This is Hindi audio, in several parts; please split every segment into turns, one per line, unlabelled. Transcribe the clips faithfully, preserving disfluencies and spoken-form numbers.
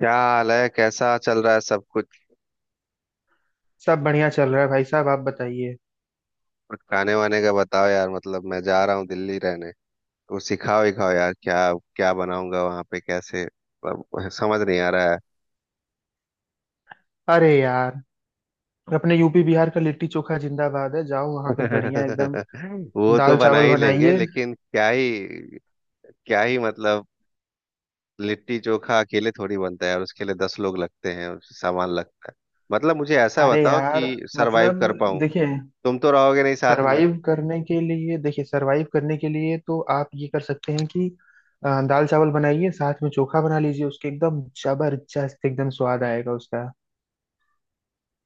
क्या हाल है, कैसा चल रहा है सब कुछ।
सब बढ़िया चल रहा है भाई साहब, आप बताइए।
कुछ खाने वाने का बताओ यार। मतलब मैं जा रहा हूँ दिल्ली रहने, तो सिखाओ ही। खाओ यार क्या, क्या बनाऊंगा वहां पे, कैसे अब समझ नहीं आ रहा है।
अरे यार, अपने यूपी बिहार का लिट्टी चोखा जिंदाबाद है। जाओ वहां पे बढ़िया एकदम
वो तो
दाल
बना
चावल
ही लेंगे
बनाइए।
लेकिन क्या ही, क्या ही मतलब। लिट्टी चोखा अकेले थोड़ी बनता है, और उसके लिए दस लोग लगते हैं और सामान लगता है। मतलब मुझे ऐसा
अरे
बताओ कि
यार,
सरवाइव
मतलब
कर पाऊँ।
देखिए,
तुम तो रहोगे नहीं साथ में।
सरवाइव करने के लिए, देखिए सरवाइव करने के लिए तो आप ये कर सकते हैं कि अ, दाल चावल बनाइए, साथ में चोखा बना लीजिए उसके। एकदम जबरदस्त, एकदम स्वाद आएगा उसका।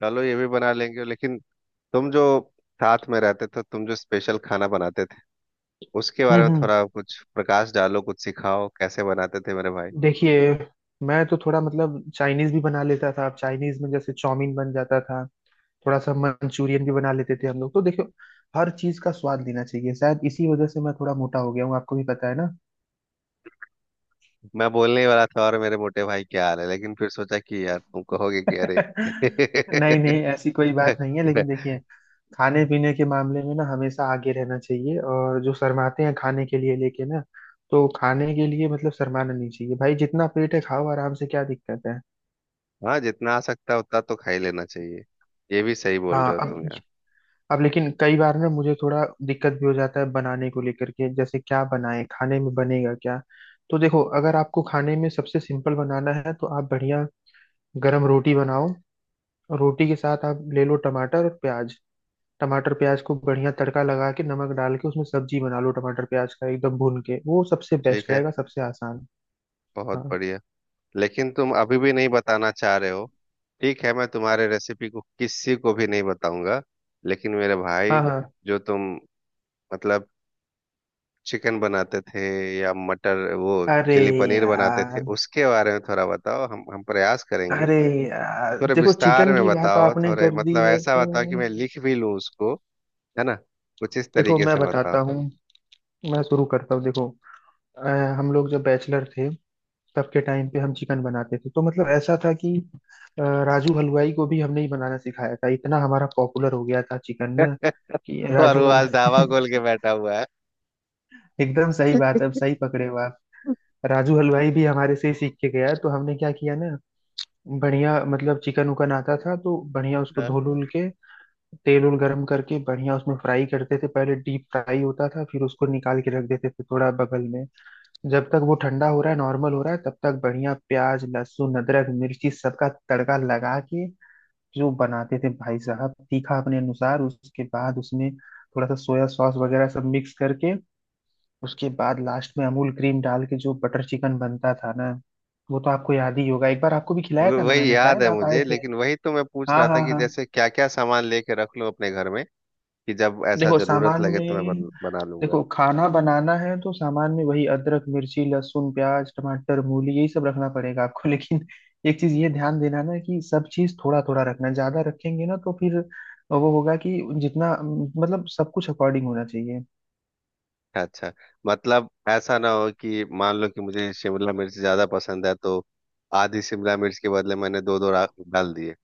चलो ये भी बना लेंगे लेकिन तुम जो साथ में रहते थे, तुम जो स्पेशल खाना बनाते थे उसके बारे
हम्म
में
हम्म।
थोड़ा कुछ प्रकाश डालो, कुछ सिखाओ कैसे बनाते थे मेरे भाई।
देखिए, मैं तो थोड़ा मतलब चाइनीज भी बना लेता था। अब चाइनीज में जैसे चाउमीन बन जाता था, थोड़ा सा मंचूरियन भी बना लेते थे हम लोग। तो देखो, हर चीज का स्वाद लेना चाहिए। शायद इसी वजह से मैं थोड़ा मोटा हो गया हूँ, आपको भी पता है ना।
मैं बोलने ही वाला था और मेरे मोटे भाई क्या हाल है, लेकिन फिर सोचा कि यार तुम कहोगे कि अरे।
नहीं नहीं, ऐसी कोई बात नहीं है, लेकिन देखिए, खाने पीने के मामले में ना हमेशा आगे रहना चाहिए। और जो शर्माते हैं खाने के लिए लेके ना, तो खाने के लिए मतलब शर्माना नहीं चाहिए भाई। जितना पेट है खाओ आराम से, क्या दिक्कत है।
हाँ, जितना आ सकता है उतना तो खा ही लेना चाहिए। ये भी सही बोल
हाँ,
रहे हो तुम
अब
यार।
अब लेकिन कई बार ना मुझे थोड़ा दिक्कत भी हो जाता है बनाने को लेकर के, जैसे क्या बनाएं, खाने में बनेगा क्या। तो देखो, अगर आपको खाने में सबसे सिंपल बनाना है, तो आप बढ़िया गरम रोटी बनाओ। और रोटी के साथ आप ले लो टमाटर और प्याज। टमाटर प्याज को बढ़िया तड़का लगा के, नमक डाल के उसमें सब्जी बना लो। टमाटर प्याज का एकदम भून के, वो सबसे
ठीक
बेस्ट
है,
रहेगा, सबसे आसान।
बहुत
हाँ
बढ़िया। लेकिन तुम अभी भी नहीं बताना चाह रहे हो। ठीक है, मैं तुम्हारे रेसिपी को किसी को भी नहीं बताऊंगा। लेकिन मेरे
हाँ
भाई,
हाँ।
जो तुम मतलब चिकन बनाते थे, या मटर वो
अरे
चिली पनीर बनाते थे
यार,
उसके बारे में थोड़ा बताओ। हम हम प्रयास करेंगे।
अरे यार
थोड़े
देखो,
विस्तार
चिकन
में
की बात
बताओ,
आपने
थोड़े
कर दी
मतलब
है
ऐसा
तो
बताओ कि मैं लिख भी लूं उसको, है ना। कुछ इस
देखो
तरीके
मैं
से बताओ।
बताता हूँ, मैं शुरू करता हूँ। देखो, अ, हम लोग जब बैचलर थे, तब के टाइम पे हम चिकन बनाते थे तो मतलब ऐसा था कि अ, राजू हलवाई को भी हमने ही बनाना सिखाया था। इतना हमारा पॉपुलर हो गया था चिकन ना, कि
और
राजू
वो आज धावा
हलवाई।
खोल के बैठा हुआ है।
एकदम सही बात है, अब सही पकड़े हो आप। राजू हलवाई भी हमारे से ही सीख के गया। तो हमने क्या किया ना, बढ़िया मतलब चिकन उकन आता था तो बढ़िया उसको धो
हाँ।
लुल के, तेल उल गरम करके बढ़िया उसमें फ्राई करते थे। पहले डीप फ्राई होता था, फिर उसको निकाल के रख देते थे थोड़ा बगल में। जब तक वो ठंडा हो रहा है, नॉर्मल हो रहा है, तब तक बढ़िया प्याज लहसुन अदरक मिर्ची सबका तड़का लगा के जो बनाते थे भाई साहब, तीखा अपने अनुसार। उसके बाद उसमें थोड़ा सा सोया सॉस वगैरह सब मिक्स करके, उसके बाद लास्ट में अमूल क्रीम डाल के जो बटर चिकन बनता था ना, वो तो आपको याद ही होगा। एक बार आपको भी खिलाया
वो-
था ना
वही
मैंने,
याद
शायद
है
आप आए
मुझे,
थे।
लेकिन वही तो मैं पूछ
हाँ
रहा था
हाँ
कि
हाँ।
जैसे क्या क्या सामान लेके रख लूं अपने घर में, कि जब ऐसा
देखो
जरूरत
सामान
लगे तो मैं
में,
बन, बना लूंगा।
देखो खाना बनाना है तो सामान में वही अदरक मिर्ची लहसुन प्याज टमाटर मूली यही सब रखना पड़ेगा आपको। लेकिन एक चीज ये ध्यान देना ना, कि सब चीज थोड़ा थोड़ा रखना। ज्यादा रखेंगे ना तो फिर वो होगा कि जितना मतलब, सब कुछ अकॉर्डिंग होना चाहिए।
अच्छा, मतलब ऐसा ना हो कि मान लो कि मुझे शिमला मिर्च ज्यादा पसंद है, तो आधी शिमला मिर्च के बदले मैंने दो दो रा- डाल दिए,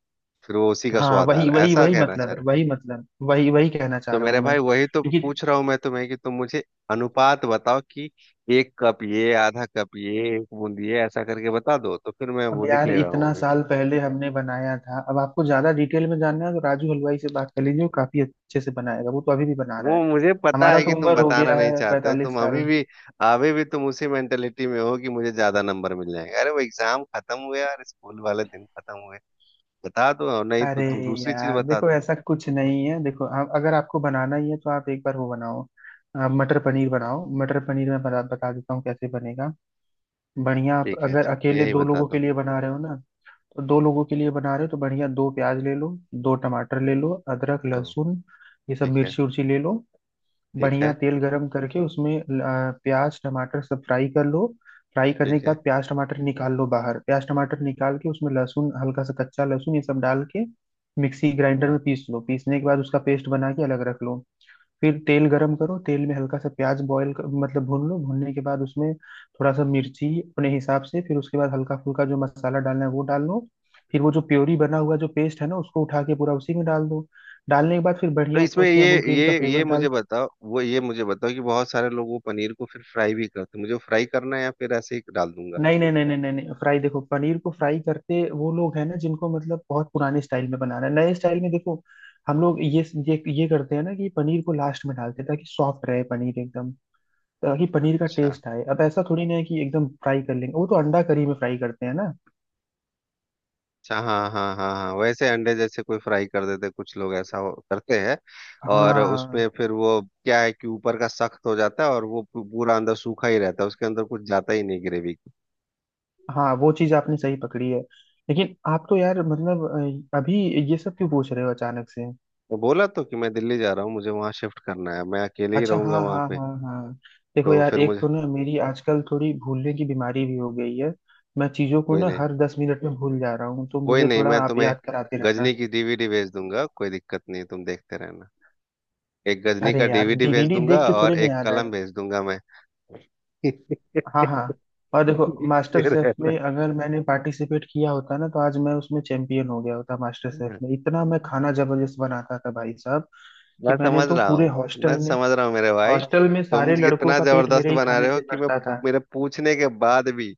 फिर वो उसी का
हाँ
स्वाद आ
वही
रहा है,
वही
ऐसा
वही
कहना
मतलब
चाह
है,
रहे हो?
वही मतलब, वही वही कहना चाह
तो
रहा
मेरे
हूँ मैं,
भाई, वही तो
क्योंकि
पूछ रहा हूँ मैं तुम्हें, कि तुम मुझे अनुपात बताओ कि एक कप ये, आधा कप ये, एक बूंद ये, ऐसा करके बता दो तो फिर मैं
अब
वो लिख
यार
ले रहा हूँ
इतना
अभी।
साल पहले हमने बनाया था। अब आपको ज्यादा डिटेल में जानना है तो राजू हलवाई से बात कर लीजिए, वो काफी अच्छे से बनाएगा, वो तो अभी भी बना रहा है।
वो मुझे पता
हमारा
है
तो
कि तुम
उम्र हो
बताना
गया
नहीं
है,
चाहते हो।
पैंतालीस
तुम अभी
साल
भी, अभी भी तुम उसी मेंटेलिटी में हो कि मुझे ज्यादा नंबर मिल जाएंगे। अरे वो एग्जाम खत्म हुए और स्कूल वाले दिन खत्म हुए। बता दो, और नहीं तो
अरे
तुम दूसरी चीज
यार
बता
देखो,
दो।
ऐसा कुछ नहीं है। देखो आप, अगर आपको बनाना ही है तो आप एक बार वो बनाओ, आप मटर पनीर बनाओ। मटर पनीर मैं बता, बता देता हूँ कैसे बनेगा। बढ़िया, आप
ठीक है
अगर
ठीक है,
अकेले
यही
दो
बता
लोगों
दो।
के लिए बना रहे हो ना, तो दो लोगों के लिए बना रहे हो तो बढ़िया दो प्याज ले लो, दो टमाटर ले लो, अदरक
तो
लहसुन ये सब,
ठीक है,
मिर्ची उर्ची ले लो।
ठीक है,
बढ़िया तेल गरम करके उसमें आ, प्याज टमाटर सब फ्राई कर लो। फ्राई करने
ठीक
के बाद
है।
प्याज टमाटर निकाल लो बाहर। प्याज टमाटर निकाल के उसमें लहसुन, हल्का सा कच्चा लहसुन ये सब डाल के मिक्सी ग्राइंडर
क्या?
में पीस लो। पीसने के बाद उसका पेस्ट बना के अलग रख लो। फिर तेल गरम करो, तेल में हल्का सा प्याज बॉईल कर, मतलब भून लो। भूनने के बाद उसमें थोड़ा सा मिर्ची अपने हिसाब से, फिर उसके बाद हल्का फुल्का जो मसाला डालना है वो डाल लो। फिर वो जो प्योरी बना हुआ, जो पेस्ट है ना, उसको उठा के पूरा उसी में डाल दो। डालने के बाद फिर
तो
बढ़िया
इसमें
उसमें
ये,
अमूल क्रीम
ये
का
ये
फ्लेवर डाल।
मुझे बताओ, वो ये मुझे बताओ कि बहुत सारे लोग वो पनीर को फिर फ्राई भी करते हैं, मुझे वो फ्राई करना है या फिर ऐसे ही डाल दूंगा।
नहीं नहीं नहीं नहीं नहीं नहीं, फ्राई, देखो पनीर को फ्राई करते वो लोग हैं ना जिनको मतलब बहुत पुराने स्टाइल में बनाना है। नए स्टाइल में देखो हम लोग ये ये ये करते हैं ना, कि पनीर को लास्ट में डालते हैं ताकि सॉफ्ट रहे पनीर एकदम, ताकि पनीर का
अच्छा,
टेस्ट आए। अब ऐसा थोड़ी ना है कि एकदम फ्राई कर लेंगे, वो तो अंडा करी में फ्राई करते हैं ना।
अच्छा। हाँ हाँ हाँ हाँ, वैसे अंडे जैसे कोई फ्राई कर देते, कुछ लोग ऐसा हो- करते हैं। और उसमें
हाँ,
फिर वो क्या है कि ऊपर का सख्त हो जाता है और वो पू- पूरा अंदर सूखा ही रहता है, उसके अंदर कुछ जाता ही नहीं ग्रेवी।
हाँ वो चीज आपने सही पकड़ी है। लेकिन आप तो यार मतलब, अ, अभी ये सब क्यों पूछ रहे हो अचानक से।
मैं बोला तो कि मैं दिल्ली जा रहा हूँ, मुझे वहां शिफ्ट करना है, मैं अकेले ही
अच्छा,
रहूंगा
हाँ
वहां
हाँ
पे।
हाँ हाँ। देखो
तो
यार,
फिर
एक
मुझे
तो ना मेरी आजकल थोड़ी भूलने की बीमारी भी हो गई है, मैं चीजों को
कोई
ना
नहीं,
हर दस मिनट में भूल जा रहा हूँ। तो
कोई
मुझे
नहीं,
थोड़ा
मैं
आप
तुम्हें
याद कराते रहना।
गजनी की डी वी डी भेज दूंगा, कोई दिक्कत नहीं, तुम देखते रहना। एक गजनी
अरे
का
यार,
डी वी डी भेज
डीवीडी
दूंगा
देख के
और
थोड़े ना
एक
याद
कलम
आएगा।
भेज दूंगा मैं।
हाँ हाँ। और देखो, मास्टर
देखते
शेफ
रहना,
में अगर मैंने पार्टिसिपेट किया होता ना, तो आज मैं उसमें चैंपियन हो गया होता। मास्टर शेफ में, इतना मैं खाना जबरदस्त बनाता था भाई साहब। कि
मैं
मैंने
समझ
तो
रहा
पूरे
हूँ, मैं
हॉस्टल में,
समझ रहा हूँ मेरे भाई।
हॉस्टल में
तुम
सारे लड़कों
कितना
का पेट
जबरदस्त
मेरे ही
बना
खाने
रहे हो
से
कि मैं,
भरता था।
मेरे पूछने के बाद भी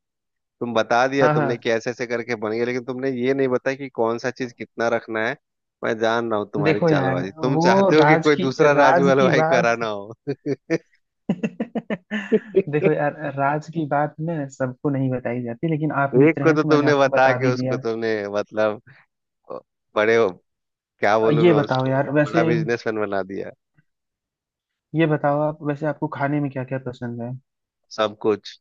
तुम बता दिया
हाँ
तुमने
हाँ।
कि ऐसे ऐसे करके बन गया, लेकिन तुमने ये नहीं बताया कि कौन सा चीज कितना रखना है। मैं जान रहा हूँ तुम्हारी
देखो यार,
चालबाजी, तुम
वो
चाहते हो कि
राज
कोई
की
दूसरा राजू
राज की
हलवाई
बात।
करा ना हो।
देखो यार, राज की बात न सबको नहीं बताई जाती, लेकिन आप
एक
मित्र
को
हैं
तो
तो मैंने
तुमने
आपको
बता
बता भी
के उसको
दिया।
तुमने मतलब, बड़े हो, क्या
अ,
बोलूं
ये
मैं
बताओ
उसको,
यार
बड़ा
वैसे,
बिजनेसमैन बना दिया।
ये बताओ आप, वैसे आपको खाने में क्या क्या पसंद है।
सब कुछ।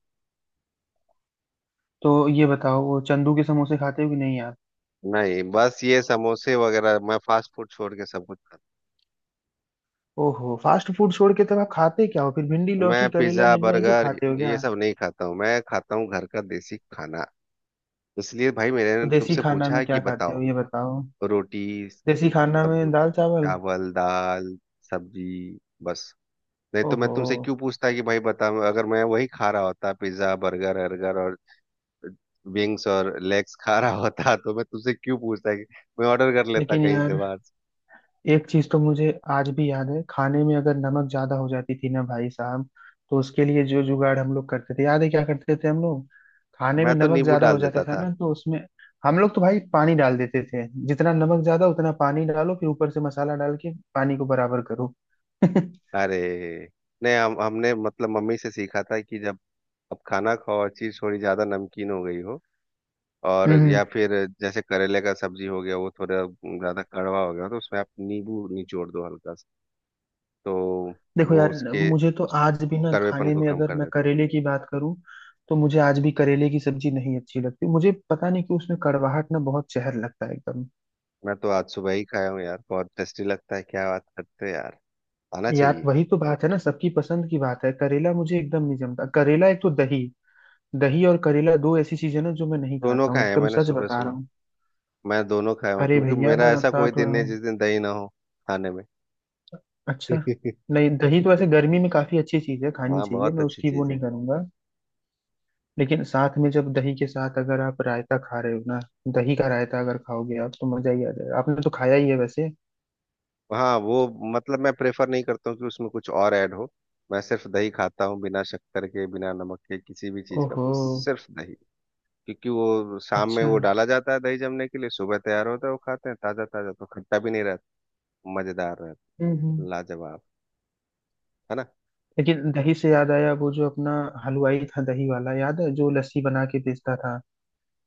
तो ये बताओ वो चंदू के समोसे खाते हो कि नहीं आप।
नहीं बस ये समोसे वगैरह, मैं फास्ट फूड छोड़ के सब कुछ खाता
ओहो, फास्ट फूड छोड़ के तब आप खाते क्या हो फिर, भिंडी
हूँ। मैं
लौकी करेला
पिज्जा
नेनुआ ये सब
बर्गर
खाते हो
ये
क्या।
सब नहीं खाता हूँ। मैं खाता हूँ घर का देसी खाना। इसलिए भाई मैंने
तो देसी
तुमसे
खाना
पूछा
में
है कि
क्या खाते
बताओ।
हो ये बताओ।
रोटी,
देसी खाना
मतलब
में
रोटी,
दाल चावल।
चावल, दाल, सब्जी, बस। नहीं तो मैं
ओहो।
तुमसे क्यों पूछता कि भाई बता। अगर मैं वही खा रहा होता पिज्जा बर्गर अर्गर और विंग्स और लेग्स खा रहा होता, तो मैं तुमसे क्यों पूछता कि, मैं ऑर्डर कर लेता
लेकिन
कहीं से
यार,
बाहर से।
एक चीज तो मुझे आज भी याद है। खाने में अगर नमक ज्यादा हो जाती थी ना भाई साहब, तो उसके लिए जो जुगाड़ हम लोग करते थे, याद है क्या करते थे हम लोग। खाने
मैं
में
तो
नमक
नींबू
ज्यादा हो
डाल
जाता
देता
था
था।
ना, तो उसमें हम लोग तो भाई पानी डाल देते थे। जितना नमक ज्यादा, उतना पानी डालो, फिर ऊपर से मसाला डाल के पानी को बराबर करो।
अरे नहीं, हम हमने मतलब मम्मी से सीखा था कि जब अब खाना खाओ और चीज़ थोड़ी ज़्यादा नमकीन हो गई हो, और
हम्म।
या फिर जैसे करेले का सब्जी हो गया वो थोड़ा ज़्यादा कड़वा हो गया, तो उसमें आप नींबू निचोड़ दो हल्का सा, तो
देखो
वो
यार,
उसके
मुझे तो आज भी ना,
कड़वेपन
खाने
को
में
कम
अगर
कर
मैं
देता है।
करेले की बात करूं, तो मुझे आज भी करेले की सब्जी नहीं अच्छी लगती। मुझे पता नहीं कि उसमें कड़वाहट ना, बहुत जहर लगता है।
मैं तो आज सुबह ही खाया हूँ यार, बहुत टेस्टी लगता है, क्या बात करते हो यार। आना
यार
चाहिए।
वही तो बात है ना, सबकी पसंद की बात है। करेला मुझे एकदम नहीं जमता, करेला एक, तो दही, दही और करेला दो ऐसी चीजें ना जो मैं नहीं
दोनों
खाता हूँ,
खाए हैं
एकदम
मैंने,
सच
सुबह
बता रहा
सुबह
हूँ।
मैं दोनों खाया हूँ,
अरे
क्योंकि
भैया
मेरा
मैं
ऐसा
बता
कोई
तो
दिन
रहा
नहीं
हूँ।
जिस दिन दही ना हो खाने में।
अच्छा, नहीं दही तो ऐसे गर्मी में काफी अच्छी चीज है, खानी
हाँ
चाहिए,
बहुत
मैं
अच्छी
उसकी वो
चीज है।
नहीं करूंगा। लेकिन साथ में जब दही के साथ अगर आप रायता खा रहे हो ना, दही का रायता अगर खाओगे आप तो मजा ही आ जाएगा, आपने तो खाया ही है वैसे।
हाँ वो, मतलब मैं प्रेफर नहीं करता हूँ कि उसमें कुछ और ऐड हो। मैं सिर्फ दही खाता हूँ बिना शक्कर के, बिना नमक के, किसी भी चीज का
ओहो,
सिर्फ दही। क्योंकि वो शाम में
अच्छा। हम्म
वो डाला जाता है दही जमने के लिए, सुबह तैयार होता है, वो खाते हैं ताजा ताजा, तो खट्टा भी नहीं, मजेदार रहता,
हम्म।
लाजवाब, है ना।
लेकिन दही से याद आया, वो जो अपना हलवाई था दही वाला, याद है जो लस्सी बना के बेचता था,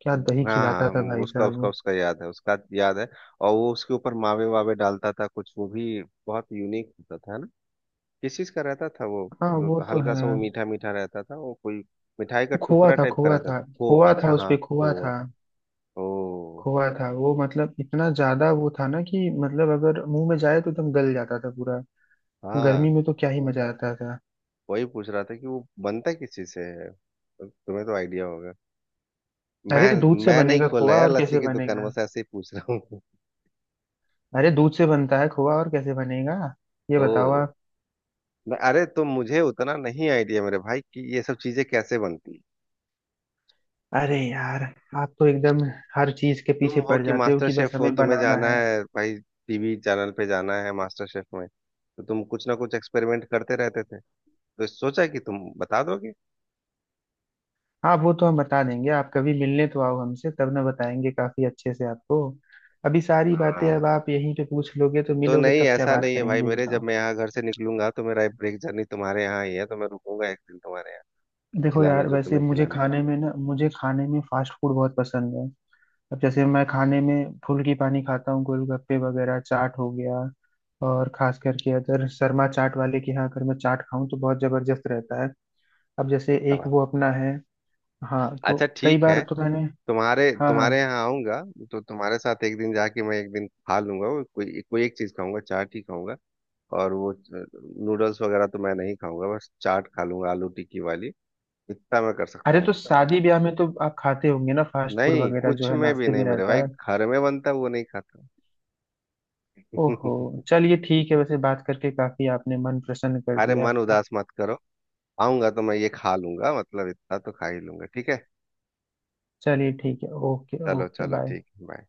क्या दही
हाँ
खिलाता
हाँ,
था
वो
भाई
उसका
साहब
उसका
वो।
उसका याद है, उसका याद है। और वो उसके ऊपर मावे वावे डालता था कुछ, वो भी बहुत यूनिक होता था, है ना। किस चीज का रहता था वो,
हाँ
जो
वो तो
हल्का
है।
सा वो मीठा मीठा रहता था, वो कोई मिठाई का
वो खोआ
टुकड़ा
था,
टाइप का
खोआ
रहता
था,
था। खो,
खोआ
अच्छा
था,
हाँ,
उसपे खोआ
खोआ।
था,
ओ
खोआ था वो, मतलब इतना ज्यादा वो था ना कि मतलब अगर मुंह में जाए तो एकदम गल जाता था पूरा।
हाँ,
गर्मी में तो क्या ही मजा आता था।
वही पूछ रहा था कि वो बनता किस चीज से है, तो तुम्हें तो आइडिया होगा।
अरे
मैं
दूध से
मैं नहीं
बनेगा
खोला
खोआ,
यार
और
लस्सी
कैसे
की दुकान,
बनेगा।
बस ऐसे ही पूछ रहा हूँ।
अरे दूध से बनता है खोआ, और कैसे बनेगा, ये बताओ
ओ,
आप।
न- अरे तो मुझे उतना नहीं आइडिया मेरे भाई कि ये सब चीजें कैसे बनती हैं।
अरे यार, आप तो एकदम हर चीज के
तुम
पीछे
हो
पड़
कि
जाते हो
मास्टर
कि बस
शेफ हो,
हमें
तुम्हें
बनाना
जाना
है।
है भाई, टी वी चैनल पे जाना है मास्टर शेफ में। तो तुम कुछ ना कुछ एक्सपेरिमेंट करते रहते थे, तो सोचा कि तुम बता दोगे।
हाँ वो तो हम बता देंगे, आप कभी मिलने तो आओ हमसे, तब ना बताएंगे काफी अच्छे से आपको। अभी सारी बातें
हाँ,
अब आप यहीं पे पूछ लोगे, तो
तो
मिलोगे
नहीं
तब क्या
ऐसा
बात
नहीं है भाई
करेंगे
मेरे, जब
बताओ।
मैं यहाँ घर से निकलूंगा तो मेरा ब्रेक जर्नी तुम्हारे यहाँ ही है, तो मैं रुकूंगा एक दिन तुम्हारे यहाँ।
देखो
खिलाना
यार,
जो
वैसे
तुम्हें
मुझे
खिलाना है।
खाने में ना, मुझे खाने में फास्ट फूड बहुत पसंद है। अब जैसे मैं खाने में फुल्की पानी खाता हूँ, गोलगप्पे वगैरह, चाट हो गया। और खास करके अगर शर्मा चाट वाले के यहाँ अगर मैं चाट खाऊं, तो बहुत जबरदस्त रहता है। अब जैसे एक
सामान।
वो अपना है, हाँ
अच्छा
तो कई
ठीक
बार
है,
तो मैंने,
तुम्हारे
हाँ
तुम्हारे
हाँ।
यहाँ आऊंगा तो तुम्हारे साथ एक दिन जाके मैं एक दिन खा लूंगा, वो कोई कोई एक चीज खाऊंगा, चाट ही खाऊंगा। और वो नूडल्स वगैरह तो मैं नहीं खाऊंगा, बस चाट खा लूंगा आलू टिक्की वाली, इतना मैं कर सकता
अरे तो
हूँ।
शादी ब्याह में तो आप खाते होंगे ना फास्ट फूड
नहीं,
वगैरह
कुछ
जो है
में भी
नाश्ते
नहीं
में
मेरे
रहता
भाई,
है।
घर में बनता है, वो नहीं खाता।
ओहो, चलिए ठीक है, वैसे बात करके काफी आपने मन प्रसन्न कर
अरे
दिया।
मन उदास मत करो। आऊंगा तो मैं ये खा लूंगा, मतलब इतना तो खा ही लूंगा, ठीक है।
चलिए ठीक है, ओके
चलो
ओके
चलो,
बाय।
ठीक, बाय।